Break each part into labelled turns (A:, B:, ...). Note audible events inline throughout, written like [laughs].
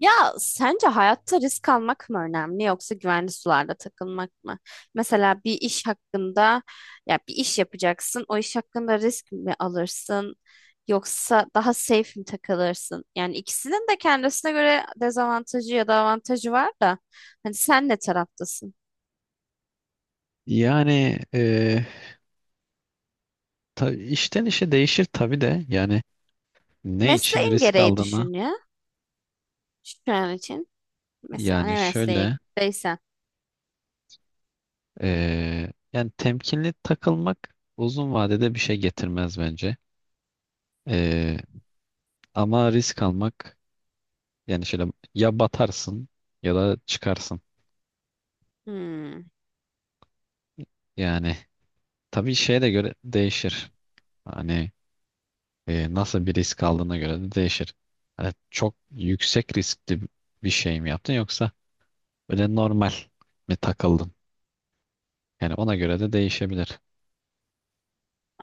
A: Ya sence hayatta risk almak mı önemli yoksa güvenli sularda takılmak mı? Mesela bir iş hakkında ya bir iş yapacaksın. O iş hakkında risk mi alırsın yoksa daha safe mi takılırsın? Yani ikisinin de kendisine göre dezavantajı ya da avantajı var da hani sen ne taraftasın?
B: Yani e, işten işe değişir tabii de, yani ne için
A: Mesleğin
B: risk
A: gereği
B: aldığını...
A: düşün ya şu an için. Mesela
B: yani
A: ne
B: şöyle
A: mesleğindeysen.
B: e, Yani temkinli takılmak uzun vadede bir şey getirmez bence. E, Ama risk almak, yani şöyle, ya batarsın ya da çıkarsın.
A: Hmm,
B: Yani tabii şeye de göre değişir. Hani nasıl bir risk aldığına göre de değişir. Hani çok yüksek riskli bir şey mi yaptın, yoksa böyle normal mi takıldın? Yani ona göre de değişebilir.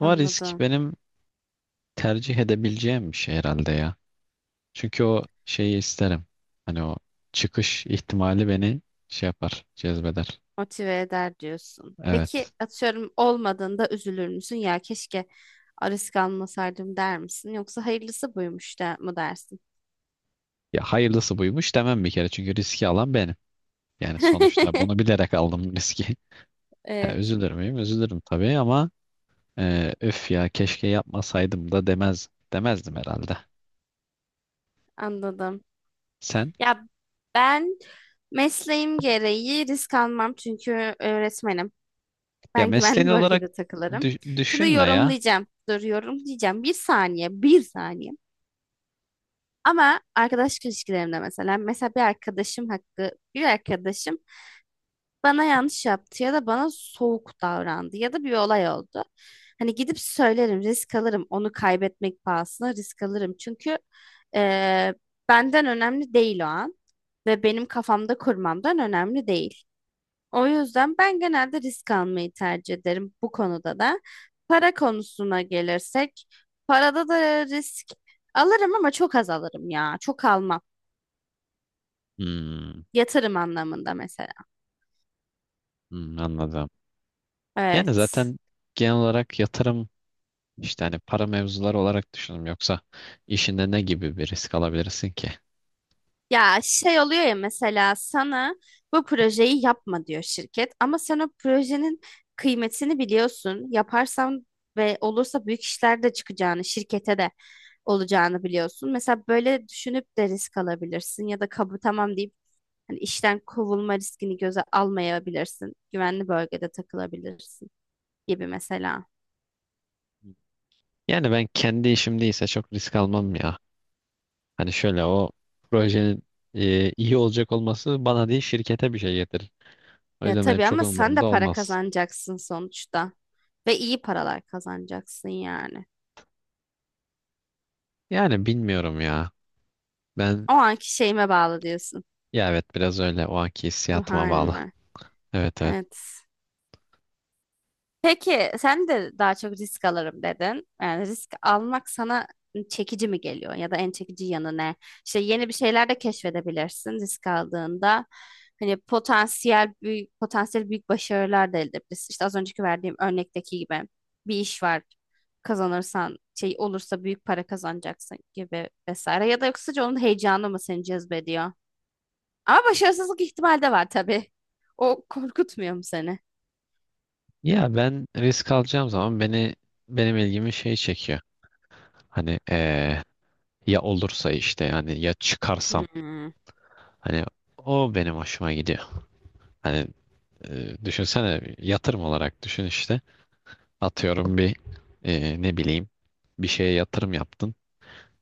B: Ama risk benim tercih edebileceğim bir şey herhalde ya. Çünkü o şeyi isterim. Hani o çıkış ihtimali beni şey yapar, cezbeder.
A: Motive eder diyorsun. Peki
B: Evet.
A: atıyorum olmadığında üzülür müsün? Ya keşke risk almasaydım der misin? Yoksa hayırlısı buymuş da mı dersin?
B: Ya hayırlısı buymuş demem bir kere. Çünkü riski alan benim. Yani sonuçta bunu
A: [laughs]
B: bilerek aldım riski. [laughs] Ha,
A: Evet,
B: üzülür müyüm? Üzülürüm tabii ama öf, ya keşke yapmasaydım da demezdim herhalde.
A: anladım.
B: Sen,
A: Ya ben mesleğim gereği risk almam çünkü öğretmenim.
B: ya
A: Ben
B: mesleğin
A: güvenli
B: olarak
A: bölgede takılırım. Şimdi
B: düşünme ya.
A: yorumlayacağım. Dur yorumlayacağım. Bir saniye, bir saniye. Ama arkadaş ilişkilerimde mesela, mesela bir arkadaşım bir arkadaşım bana yanlış yaptı ya da bana soğuk davrandı ya da bir olay oldu. Hani gidip söylerim, risk alırım. Onu kaybetmek pahasına risk alırım. Çünkü eee, benden önemli değil o an ve benim kafamda kurmamdan önemli değil. O yüzden ben genelde risk almayı tercih ederim bu konuda da. Para konusuna gelirsek, parada da risk alırım ama çok az alırım ya. Çok almam.
B: Hmm,
A: Yatırım anlamında mesela.
B: hmm, anladım. Yani
A: Evet.
B: zaten genel olarak yatırım, işte hani para mevzuları olarak düşündüm, yoksa işinde ne gibi bir risk alabilirsin ki?
A: Ya şey oluyor ya mesela sana bu projeyi yapma diyor şirket ama sen o projenin kıymetini biliyorsun. Yaparsan ve olursa büyük işler de çıkacağını, şirkete de olacağını biliyorsun. Mesela böyle düşünüp de risk alabilirsin ya da kabul tamam deyip hani işten kovulma riskini göze almayabilirsin. Güvenli bölgede takılabilirsin gibi mesela.
B: Yani ben kendi işimdeyse çok risk almam ya. Hani şöyle, o projenin iyi olacak olması bana değil şirkete bir şey getirir. O
A: Ya
B: yüzden benim
A: tabii
B: çok
A: ama sen de
B: umurumda
A: para
B: olmaz.
A: kazanacaksın sonuçta ve iyi paralar kazanacaksın yani.
B: Yani bilmiyorum ya. Ben,
A: O anki şeyime bağlı diyorsun.
B: ya evet, biraz öyle, o anki
A: Ruh
B: hissiyatıma bağlı.
A: halime.
B: Evet, evet.
A: Evet. Peki sen de daha çok risk alırım dedin. Yani risk almak sana çekici mi geliyor ya da en çekici yanı ne? İşte yeni bir şeyler de keşfedebilirsin risk aldığında. Hani potansiyel büyük başarılar da elde edebilirsin. İşte az önceki verdiğim örnekteki gibi bir iş var. Kazanırsan şey olursa büyük para kazanacaksın gibi vesaire. Ya da yoksa onun heyecanı mı seni cezbediyor? Ama başarısızlık ihtimali de var tabii. O korkutmuyor mu seni?
B: Ya ben risk alacağım zaman beni, benim ilgimi şey çekiyor. Hani ya olursa, işte, yani ya çıkarsam,
A: Hmm.
B: hani o benim hoşuma gidiyor. Hani düşünsene, yatırım olarak düşün işte. Atıyorum bir, ne bileyim, bir şeye yatırım yaptın.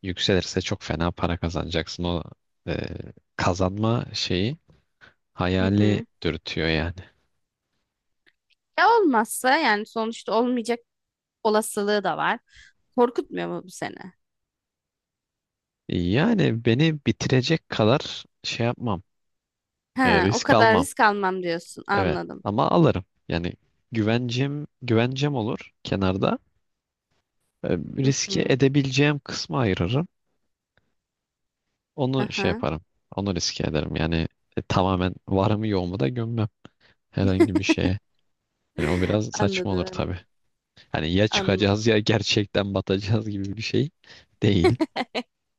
B: Yükselirse çok fena para kazanacaksın. O e, kazanma şeyi,
A: Hı
B: hayali
A: hı.
B: dürtüyor yani.
A: Ya olmazsa yani sonuçta olmayacak olasılığı da var. Korkutmuyor mu bu seni?
B: Yani beni bitirecek kadar şey yapmam.
A: Ha, o
B: Risk
A: kadar
B: almam.
A: risk almam diyorsun.
B: Evet
A: Anladım.
B: ama alırım. Yani güvencem olur kenarda. E,
A: Hı
B: Riske
A: hı.
B: edebileceğim kısmı ayırırım. Onu şey
A: Aha.
B: yaparım. Onu riske ederim. Yani tamamen varımı yoğumu da gömmem herhangi bir şeye. Yani o
A: [laughs]
B: biraz saçma
A: Anladım,
B: olur tabii.
A: anladım.
B: Hani ya
A: Anladım.
B: çıkacağız ya gerçekten batacağız gibi bir şey değil.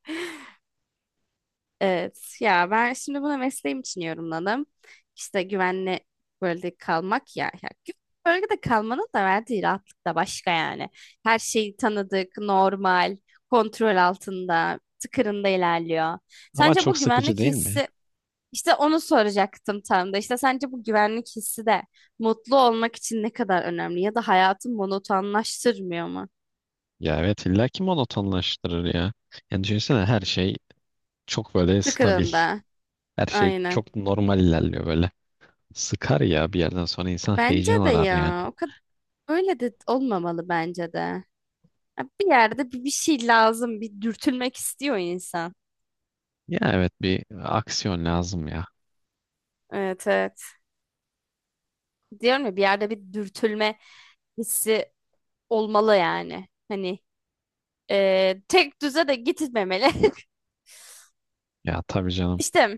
A: [laughs] Evet ya ben şimdi bunu mesleğim için yorumladım. İşte güvenli bölgede kalmak ya. Ya güvenli bölgede kalmanın da verdiği rahatlık da başka yani. Her şey tanıdık, normal, kontrol altında, tıkırında ilerliyor.
B: Ama
A: Sence
B: çok
A: bu
B: sıkıcı
A: güvenlik
B: değil mi?
A: hissi işte onu soracaktım tam da. İşte sence bu güvenlik hissi de mutlu olmak için ne kadar önemli ya da hayatı monotonlaştırmıyor mu?
B: Ya evet, illa ki monotonlaştırır ya. Yani düşünsene, her şey çok böyle stabil.
A: Tıkırında.
B: Her şey
A: Aynen.
B: çok normal ilerliyor böyle. Sıkar ya, bir yerden sonra insan
A: Bence
B: heyecan
A: de
B: arar yani.
A: ya. O kadar öyle de olmamalı bence de. Ya bir yerde bir şey lazım. Bir dürtülmek istiyor insan.
B: Ya evet, bir aksiyon lazım ya.
A: Evet, evet. Diyorum ya bir yerde bir dürtülme hissi olmalı yani. Hani tek düze de gitmemeli. [laughs]
B: Ya tabii canım.
A: İşte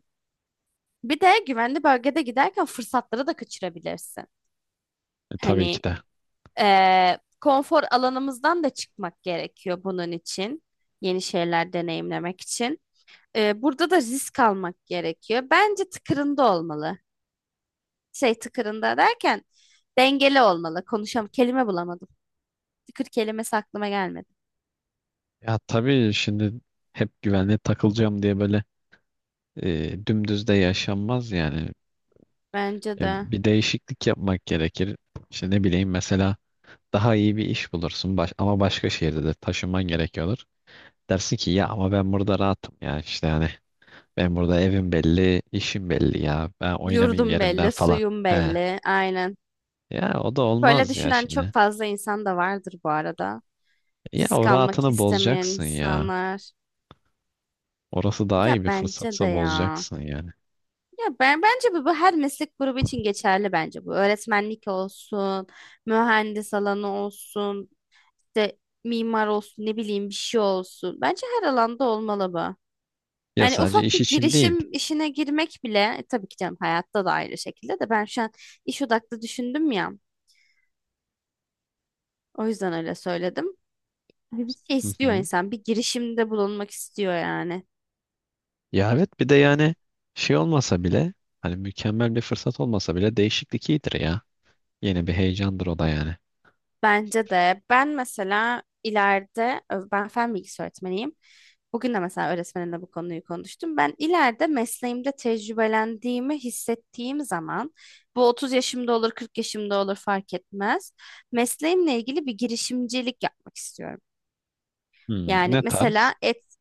A: bir de güvenli bölgede giderken fırsatları da kaçırabilirsin.
B: Tabii ki
A: Hani
B: de.
A: konfor alanımızdan da çıkmak gerekiyor bunun için. Yeni şeyler deneyimlemek için. Burada da risk almak gerekiyor. Bence tıkırında olmalı. Şey tıkırında derken dengeli olmalı. Konuşam kelime bulamadım. Tıkır kelimesi aklıma gelmedi.
B: Ya tabii şimdi, hep güvenliğe takılacağım diye böyle dümdüz de yaşanmaz yani.
A: Bence
B: E,
A: de
B: Bir değişiklik yapmak gerekir. İşte ne bileyim, mesela daha iyi bir iş bulursun ama başka şehirde de taşınman gerekiyordur. Dersin ki ya ama ben burada rahatım ya, işte yani ben burada evim belli, işim belli, ya ben oynamayayım
A: yurdum
B: yerimden
A: belli,
B: falan.
A: suyum
B: He.
A: belli. Aynen.
B: Ya o da
A: Böyle
B: olmaz ya
A: düşünen çok
B: şimdi.
A: fazla insan da vardır bu arada.
B: Ya
A: Risk
B: o
A: almak
B: rahatını
A: istemeyen
B: bozacaksın ya.
A: insanlar.
B: Orası daha
A: Ya
B: iyi bir
A: bence de
B: fırsatsa
A: ya.
B: bozacaksın yani.
A: Ya ben bence bu her meslek grubu için geçerli bence bu. Öğretmenlik olsun, mühendis alanı olsun, işte mimar olsun, ne bileyim bir şey olsun. Bence her alanda olmalı bu.
B: Ya
A: Hani
B: sadece
A: ufak
B: iş
A: bir
B: için değil.
A: girişim işine girmek bile tabii ki canım hayatta da ayrı şekilde de ben şu an iş odaklı düşündüm ya. O yüzden öyle söyledim. Hani bir şey
B: Hı
A: istiyor
B: hı.
A: insan, bir girişimde bulunmak istiyor yani.
B: Ya evet, bir de yani şey olmasa bile, hani mükemmel bir fırsat olmasa bile, değişiklik iyidir ya. Yeni bir heyecandır o da yani.
A: Bence de ben mesela ileride ben fen bilgisi öğretmeniyim. Bugün de mesela öğretmenimle bu konuyu konuştum. Ben ileride mesleğimde tecrübelendiğimi hissettiğim zaman bu 30 yaşımda olur, 40 yaşımda olur fark etmez. Mesleğimle ilgili bir girişimcilik yapmak istiyorum.
B: Hmm,
A: Yani
B: ne tarz?
A: mesela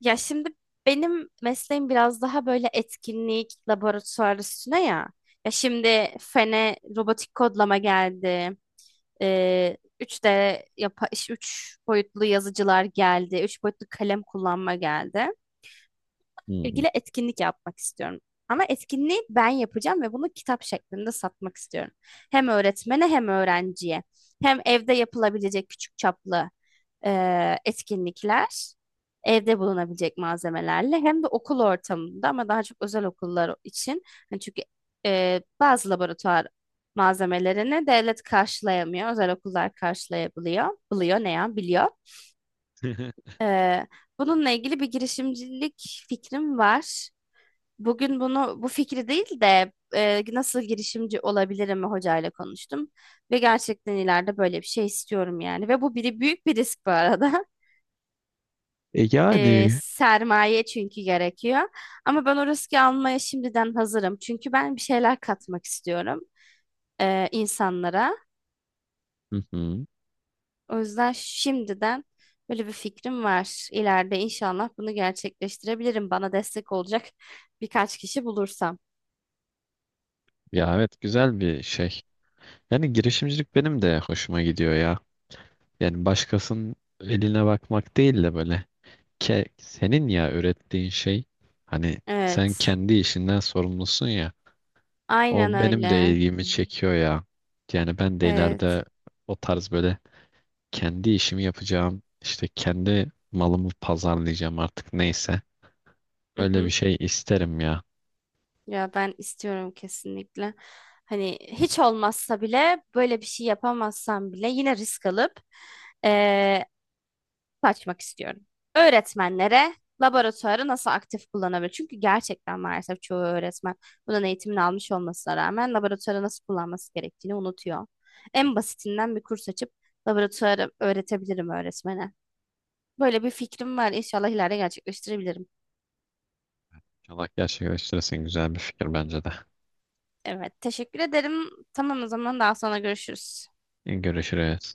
A: ya şimdi benim mesleğim biraz daha böyle etkinlik laboratuvar üstüne ya. Ya şimdi fene robotik kodlama geldi. 3D 3 boyutlu yazıcılar geldi. 3 boyutlu kalem kullanma geldi
B: Hmm.
A: ilgili etkinlik yapmak istiyorum. Ama etkinliği ben yapacağım ve bunu kitap şeklinde satmak istiyorum. Hem öğretmene hem öğrenciye. Hem evde yapılabilecek küçük çaplı etkinlikler, evde bulunabilecek malzemelerle hem de okul ortamında ama daha çok özel okullar için. Hani çünkü bazı laboratuvar malzemelerini devlet karşılayamıyor, özel okullar karşılayabiliyor, biliyor ne ya biliyor.
B: [laughs]
A: E, Bununla ilgili bir girişimcilik fikrim var. Bugün bunu bu fikri değil de nasıl girişimci olabilirim hocayla konuştum ve gerçekten ileride böyle bir şey istiyorum yani ve bu büyük bir risk bu arada. [laughs]
B: E yani,
A: Sermaye çünkü gerekiyor ama ben o riski almaya şimdiden hazırım çünkü ben bir şeyler katmak istiyorum insanlara.
B: hı hı.
A: O yüzden şimdiden böyle bir fikrim var. İleride inşallah bunu gerçekleştirebilirim. Bana destek olacak birkaç kişi bulursam.
B: Ya evet, güzel bir şey. Yani girişimcilik benim de hoşuma gidiyor ya. Yani başkasının eline bakmak değil de böyle, ke senin ya ürettiğin şey, hani sen
A: Evet,
B: kendi işinden sorumlusun ya,
A: aynen
B: o benim de
A: öyle.
B: ilgimi çekiyor ya. Yani ben de
A: Evet.
B: ileride o tarz böyle kendi işimi yapacağım, işte kendi malımı pazarlayacağım, artık neyse
A: Hı
B: öyle bir
A: hı.
B: şey isterim ya.
A: Ya ben istiyorum kesinlikle. Hani hiç olmazsa bile böyle bir şey yapamazsam bile yine risk alıp eee açmak istiyorum. Öğretmenlere laboratuvarı nasıl aktif kullanabilir? Çünkü gerçekten maalesef çoğu öğretmen bunun eğitimini almış olmasına rağmen laboratuvarı nasıl kullanması gerektiğini unutuyor. En basitinden bir kurs açıp laboratuvarı öğretebilirim öğretmene. Böyle bir fikrim var. İnşallah ileride gerçekleştirebilirim.
B: İnşallah gerçekleştirirsin, güzel bir fikir bence de.
A: Evet, teşekkür ederim. Tamam o zaman daha sonra görüşürüz.
B: Görüşürüz.